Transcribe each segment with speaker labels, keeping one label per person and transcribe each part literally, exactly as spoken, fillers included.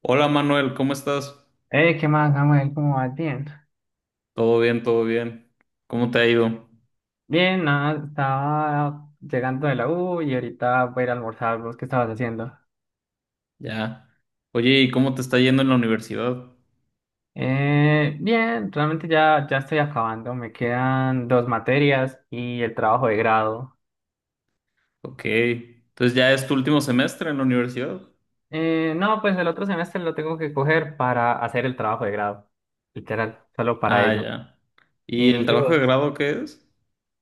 Speaker 1: Hola Manuel, ¿cómo estás?
Speaker 2: Eh, ¿qué más, Samuel? ¿Cómo vas? Bien.
Speaker 1: Todo bien, todo bien. ¿Cómo te ha ido?
Speaker 2: Bien, nada, estaba llegando de la U y ahorita voy a ir a almorzar. ¿Vos qué estabas haciendo?
Speaker 1: Ya. Oye, ¿y cómo te está yendo en la universidad?
Speaker 2: Eh, bien, realmente ya, ya estoy acabando. Me quedan dos materias y el trabajo de grado.
Speaker 1: Ok. Entonces ya es tu último semestre en la universidad.
Speaker 2: Eh, no, pues el otro semestre lo tengo que coger para hacer el trabajo de grado. Literal, solo para
Speaker 1: Ah,
Speaker 2: eso.
Speaker 1: ya. ¿Y el
Speaker 2: ¿Y, y
Speaker 1: trabajo de
Speaker 2: vos?
Speaker 1: grado qué es?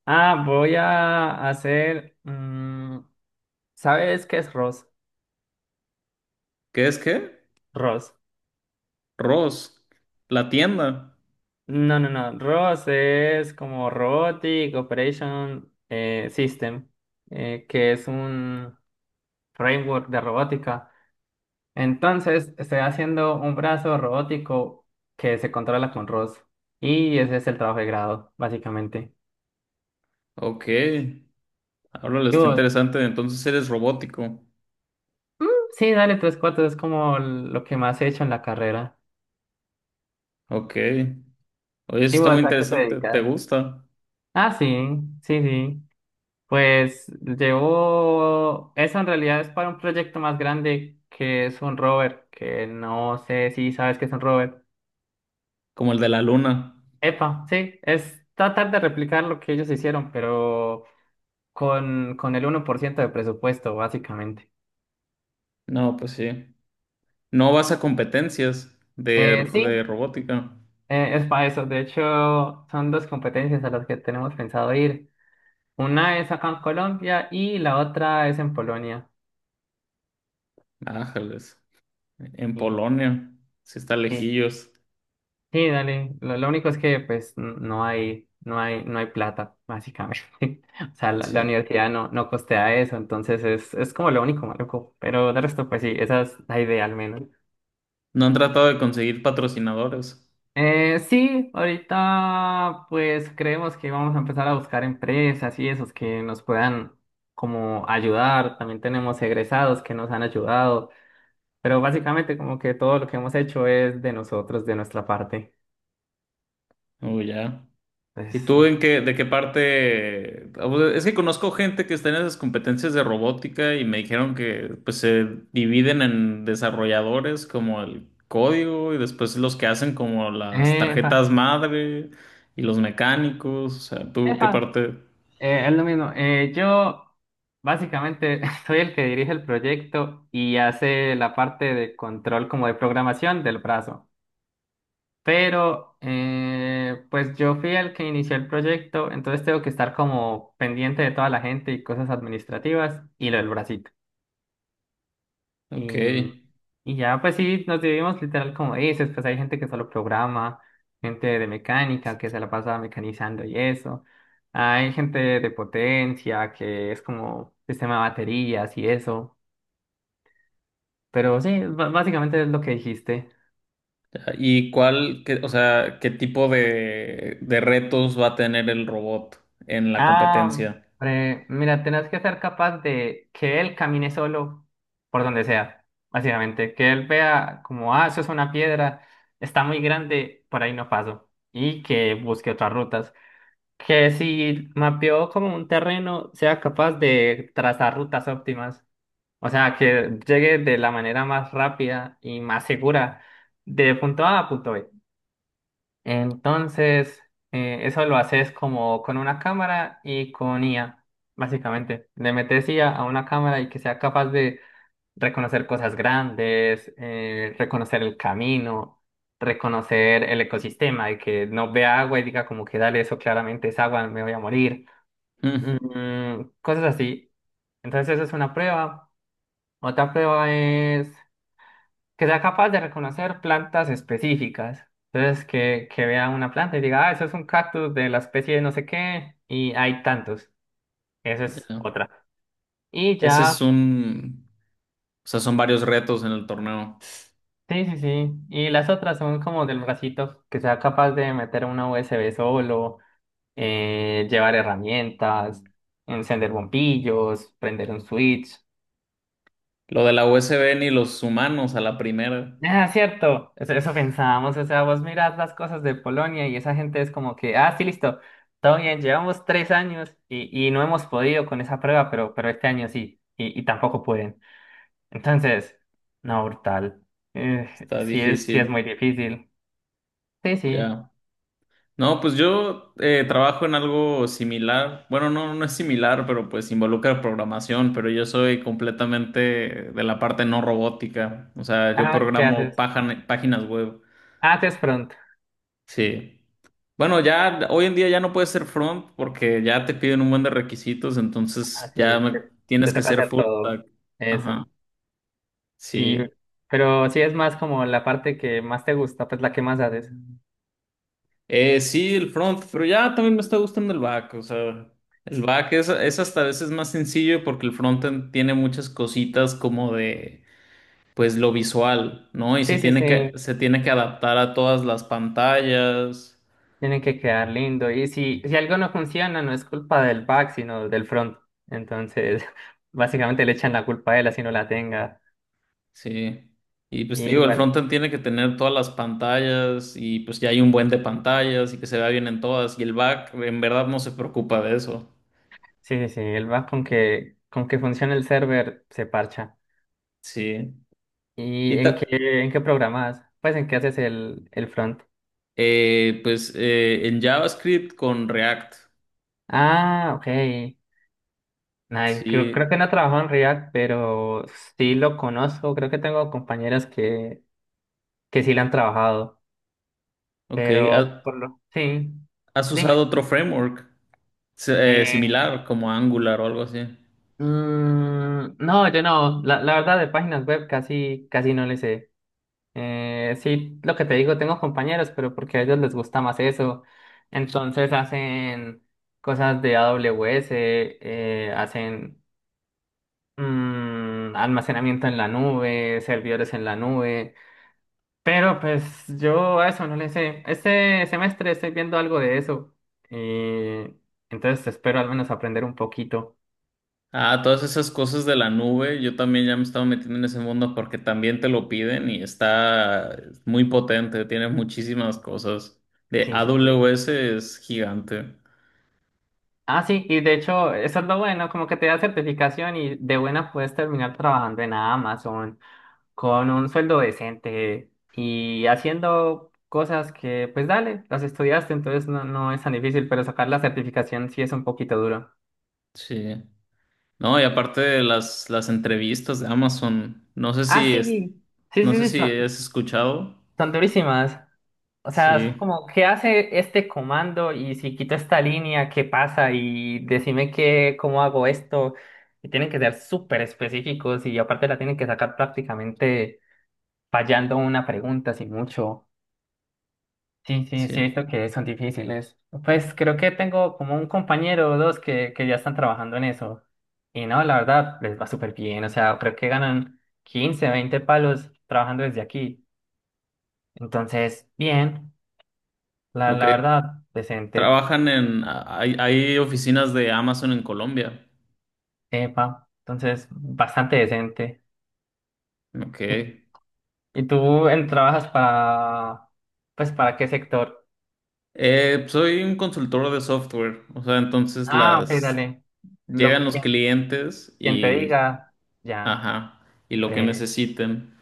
Speaker 2: Ah, voy a hacer... mm, ¿sabes qué es ROS?
Speaker 1: ¿Qué es qué?
Speaker 2: ROS.
Speaker 1: Ross, la tienda.
Speaker 2: No, no, no. ROS es como Robotic Operation, eh, System, eh, que es un framework de robótica. Entonces, estoy haciendo un brazo robótico que se controla con ROS. Y ese es el trabajo de grado, básicamente.
Speaker 1: Ok. Háblale,
Speaker 2: Y
Speaker 1: está
Speaker 2: vos,
Speaker 1: interesante. Entonces eres robótico.
Speaker 2: sí, dale tres cuartos, es como lo que más he hecho en la carrera.
Speaker 1: Ok. Oye, eso
Speaker 2: ¿Y
Speaker 1: está
Speaker 2: vos
Speaker 1: muy
Speaker 2: a qué te
Speaker 1: interesante. ¿Te
Speaker 2: dedicas?
Speaker 1: gusta?
Speaker 2: Ah, sí, sí, sí. Pues llevo, eso en realidad es para un proyecto más grande que es un rover, que no sé si sabes qué es un rover.
Speaker 1: Como el de la luna.
Speaker 2: Epa, sí, es tratar de replicar lo que ellos hicieron, pero con, con el uno por ciento de presupuesto, básicamente.
Speaker 1: No, pues sí. No vas a competencias de,
Speaker 2: Eh,
Speaker 1: de
Speaker 2: sí,
Speaker 1: robótica.
Speaker 2: eh, es para eso. De hecho, son dos competencias a las que tenemos pensado ir. Una es acá en Colombia y la otra es en Polonia.
Speaker 1: Ájales. En
Speaker 2: Y,
Speaker 1: Polonia. Sí está
Speaker 2: sí,
Speaker 1: lejillos.
Speaker 2: Sí, dale. Lo, lo único es que pues n- no hay, no hay, no hay plata, básicamente. O sea, la, la
Speaker 1: Sí.
Speaker 2: universidad no, no costea eso, entonces es, es como lo único maluco. Pero de resto, pues sí, esa es la idea al menos.
Speaker 1: No han tratado de conseguir patrocinadores.
Speaker 2: Eh, sí, ahorita pues creemos que vamos a empezar a buscar empresas y esos que nos puedan como ayudar. También tenemos egresados que nos han ayudado, pero básicamente como que todo lo que hemos hecho es de nosotros, de nuestra parte.
Speaker 1: Oh, ya. ¿Y
Speaker 2: Pues,
Speaker 1: tú en qué, de qué parte? Ah, pues, es que conozco gente que está en esas competencias de robótica y me dijeron que pues se dividen en desarrolladores como el código y después los que hacen como las
Speaker 2: epa,
Speaker 1: tarjetas madre y los mecánicos. O sea, ¿tú qué
Speaker 2: epa.
Speaker 1: parte?
Speaker 2: Eh, es lo mismo. Eh, yo básicamente soy el que dirige el proyecto y hace la parte de control como de programación del brazo. Pero eh, pues yo fui el que inició el proyecto, entonces tengo que estar como pendiente de toda la gente y cosas administrativas y lo del bracito.
Speaker 1: Ok.
Speaker 2: Y, y ya, pues sí, nos dividimos literal como dices, pues hay gente que solo programa, gente de mecánica que se la pasa mecanizando y eso. Hay gente de potencia que es como sistema de baterías y eso. Pero sí, b- básicamente es lo que dijiste.
Speaker 1: ¿Y cuál, qué- o sea, qué tipo de, de retos va a tener el robot en la
Speaker 2: Ah,
Speaker 1: competencia?
Speaker 2: hombre, mira, tenés que ser capaz de que él camine solo por donde sea, básicamente. Que él vea como, ah, eso es una piedra, está muy grande, por ahí no paso. Y que busque otras rutas. Que si mapeó como un terreno, sea capaz de trazar rutas óptimas. O sea, que llegue de la manera más rápida y más segura de punto A a punto B. Entonces, eh, eso lo haces como con una cámara y con I A, básicamente. Le metes IA a a una cámara y que sea capaz de reconocer cosas grandes, eh, reconocer el camino, reconocer el ecosistema y que no vea agua y diga como que dale, eso claramente es agua, me voy a morir
Speaker 1: Mm,
Speaker 2: mm, cosas así. Entonces eso es una prueba. Otra prueba es que sea capaz de reconocer plantas específicas. Entonces que, que vea una planta y diga, ah, eso es un cactus de la especie de no sé qué y hay tantos. Esa es
Speaker 1: ya.
Speaker 2: otra. Y
Speaker 1: Ese es
Speaker 2: ya,
Speaker 1: un, o sea, son varios retos en el torneo.
Speaker 2: sí, sí, sí. Y las otras son como del bracito, que sea capaz de meter una U S B solo, eh, llevar herramientas, encender bombillos, prender un switch.
Speaker 1: Lo de la U S B ni los humanos a la primera.
Speaker 2: Ah, cierto, eso, eso pensábamos, o sea, vos mirás las cosas de Polonia y esa gente es como que, ah, sí, listo, todo bien, llevamos tres años y, y no hemos podido con esa prueba, pero, pero este año sí, y, y tampoco pueden. Entonces, no, brutal. Eh,
Speaker 1: Está
Speaker 2: sí es, sí es muy
Speaker 1: difícil.
Speaker 2: difícil. Sí, sí.
Speaker 1: Ya. No, pues yo eh, trabajo en algo similar. Bueno, no, no es similar, pero pues involucra programación, pero yo soy completamente de la parte no robótica. O sea, yo
Speaker 2: Ah, ¿qué
Speaker 1: programo
Speaker 2: haces?
Speaker 1: pájan- páginas web.
Speaker 2: Ah, te es pronto.
Speaker 1: Sí. Bueno, ya hoy en día ya no puedes ser front porque ya te piden un buen de requisitos, entonces
Speaker 2: Ah,
Speaker 1: ya
Speaker 2: sí, te,
Speaker 1: me-
Speaker 2: te
Speaker 1: tienes que
Speaker 2: toca
Speaker 1: ser
Speaker 2: hacer
Speaker 1: full
Speaker 2: todo
Speaker 1: stack. Ajá,
Speaker 2: eso. Y,
Speaker 1: sí.
Speaker 2: pero sí es más como la parte que más te gusta, pues la que más haces.
Speaker 1: Eh, sí, el front, pero ya también me está gustando el back, o sea, el back es, es hasta a veces más sencillo porque el frontend tiene muchas cositas como de, pues, lo visual, ¿no? Y se
Speaker 2: Sí, sí,
Speaker 1: tiene que,
Speaker 2: sí.
Speaker 1: se tiene que adaptar a todas las pantallas.
Speaker 2: Tiene que quedar lindo. Y si, si algo no funciona, no es culpa del back, sino del front. Entonces, básicamente le echan la culpa a él, así no la tenga.
Speaker 1: Sí. Y pues te digo, el
Speaker 2: Igual,
Speaker 1: frontend tiene que tener todas las pantallas y pues ya hay un buen de pantallas y que se vea bien en todas. Y el back en verdad no se preocupa de eso.
Speaker 2: sí, sí, sí, el back con que, con que funcione el server se parcha.
Speaker 1: Sí.
Speaker 2: ¿Y
Speaker 1: Y
Speaker 2: en
Speaker 1: ta-
Speaker 2: qué, en qué programas? Pues en qué haces el, el front.
Speaker 1: eh, pues eh, en JavaScript con React.
Speaker 2: Ah, ok. Nice. Creo, creo que
Speaker 1: Sí.
Speaker 2: no trabajo en React, pero sí lo conozco. Creo que tengo compañeras que, que sí lo han trabajado.
Speaker 1: Ok.
Speaker 2: Pero
Speaker 1: ¿Ha-
Speaker 2: por lo, sí.
Speaker 1: ¿Has usado
Speaker 2: Dime.
Speaker 1: otro framework se- eh,
Speaker 2: Eh,
Speaker 1: similar como Angular o algo así?
Speaker 2: Mm, no, yo no. La, la verdad, de páginas web casi, casi no le sé. Eh, sí, lo que te digo, tengo compañeros, pero porque a ellos les gusta más eso. Entonces hacen cosas de A W S, eh, hacen mm, almacenamiento en la nube, servidores en la nube. Pero pues yo a eso no le sé. Este semestre estoy viendo algo de eso. Y entonces espero al menos aprender un poquito.
Speaker 1: Ah, todas esas cosas de la nube, yo también ya me estaba metiendo en ese mundo porque también te lo piden y está muy potente, tiene muchísimas cosas. De
Speaker 2: Sí, sí. sí.
Speaker 1: A W S es gigante.
Speaker 2: Ah, sí, y de hecho, eso es lo bueno, como que te da certificación y de buena puedes terminar trabajando en Amazon con un sueldo decente y haciendo cosas que, pues dale, las estudiaste, entonces no, no es tan difícil, pero sacar la certificación sí es un poquito duro.
Speaker 1: Sí. No, y aparte de las, las entrevistas de Amazon, no sé
Speaker 2: Ah,
Speaker 1: si
Speaker 2: sí,
Speaker 1: es,
Speaker 2: sí,
Speaker 1: no sé
Speaker 2: sí, sí,
Speaker 1: si
Speaker 2: son,
Speaker 1: has escuchado.
Speaker 2: son durísimas. O sea, es
Speaker 1: Sí,
Speaker 2: como, ¿qué hace este comando? Y si quito esta línea, ¿qué pasa? Y decime qué, cómo hago esto. Y tienen que ser súper específicos y aparte la tienen que sacar prácticamente fallando una pregunta, sin mucho. Sí, sí, sí, he
Speaker 1: sí.
Speaker 2: visto que son difíciles. Pues creo que tengo como un compañero o dos que, que ya están trabajando en eso. Y no, la verdad, les va súper bien. O sea, creo que ganan quince, veinte palos trabajando desde aquí. Entonces, bien, la,
Speaker 1: Ok.
Speaker 2: la verdad, decente.
Speaker 1: Trabajan en, hay, hay oficinas de Amazon en Colombia.
Speaker 2: Epa, entonces bastante decente.
Speaker 1: Ok.
Speaker 2: ¿Y, y tú en- trabajas para, pues, para qué sector?
Speaker 1: Eh, soy un consultor de software, o sea, entonces
Speaker 2: Ah, ok,
Speaker 1: las
Speaker 2: dale. Lo
Speaker 1: llegan los
Speaker 2: que
Speaker 1: clientes
Speaker 2: Quien te
Speaker 1: y,
Speaker 2: diga, ya.
Speaker 1: ajá, y lo que
Speaker 2: Breve.
Speaker 1: necesiten,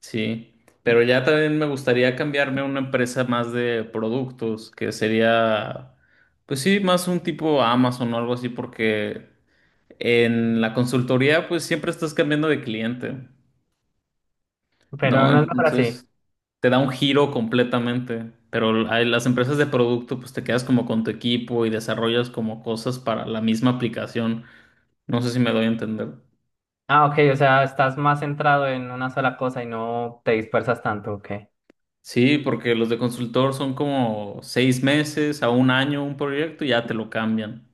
Speaker 1: sí. Pero ya también me gustaría cambiarme a una empresa más de productos, que sería, pues sí, más un tipo Amazon o algo así, porque en la consultoría, pues siempre estás cambiando de cliente,
Speaker 2: Pero
Speaker 1: ¿no?
Speaker 2: no es mejor así.
Speaker 1: Entonces te da un giro completamente. Pero a las empresas de producto, pues te quedas como con tu equipo y desarrollas como cosas para la misma aplicación. No sé si me doy a entender.
Speaker 2: Ah, ok, o sea, estás más centrado en una sola cosa y no te dispersas tanto, ok.
Speaker 1: Sí, porque los de consultor son como seis meses a un año un proyecto y ya te lo cambian.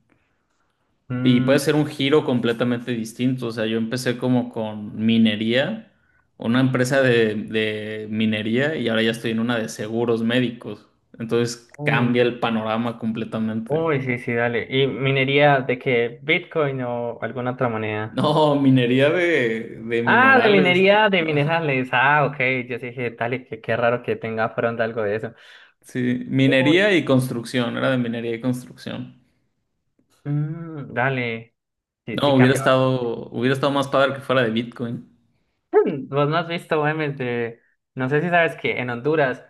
Speaker 1: Y
Speaker 2: Mm,
Speaker 1: puede ser un giro completamente distinto. O sea, yo empecé como con minería, una empresa de, de minería y ahora ya estoy en una de seguros médicos. Entonces
Speaker 2: uy,
Speaker 1: cambia el
Speaker 2: ok.
Speaker 1: panorama completamente.
Speaker 2: Uy, sí, sí, dale. ¿Y minería de qué? ¿Bitcoin o alguna otra moneda?
Speaker 1: No, minería de, de
Speaker 2: Ah, de
Speaker 1: minerales.
Speaker 2: minería de minerales. Ah, ok. Yo sí dije, dale, qué, qué raro que tenga pronto algo de eso.
Speaker 1: Sí,
Speaker 2: Uy,
Speaker 1: minería y construcción, era de minería y construcción.
Speaker 2: mm, dale. Sí, sí
Speaker 1: No, hubiera
Speaker 2: cambia.
Speaker 1: estado, hubiera estado más padre que fuera de Bitcoin.
Speaker 2: Bastante. Vos no has visto memes de. No sé si sabes que en Honduras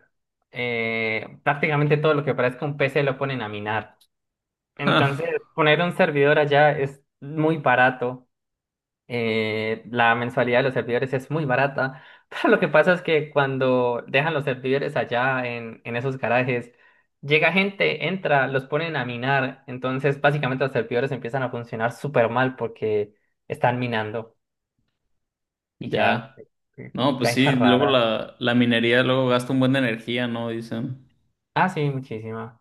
Speaker 2: eh, prácticamente todo lo que parezca un P C lo ponen a minar. Entonces, poner un servidor allá es muy barato. Eh, la mensualidad de los servidores es muy barata, pero lo que pasa es que cuando dejan los servidores allá en, en esos garajes, llega gente, entra, los ponen a minar, entonces básicamente los servidores empiezan a funcionar súper mal porque están minando y ya,
Speaker 1: Ya.
Speaker 2: eh,
Speaker 1: No, pues sí,
Speaker 2: vainas
Speaker 1: luego
Speaker 2: raras.
Speaker 1: la, la minería luego gasta un buen de energía, ¿no? Dicen.
Speaker 2: Ah, sí, muchísima.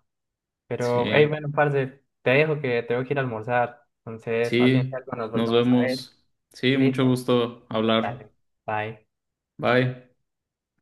Speaker 2: Pero, hey,
Speaker 1: Sí,
Speaker 2: bueno, parce, te dejo que tengo que ir a almorzar, entonces más bien si
Speaker 1: sí,
Speaker 2: algo nos
Speaker 1: nos
Speaker 2: volvemos a ver.
Speaker 1: vemos. Sí, mucho
Speaker 2: Listo,
Speaker 1: gusto hablar.
Speaker 2: dale, bye.
Speaker 1: Bye.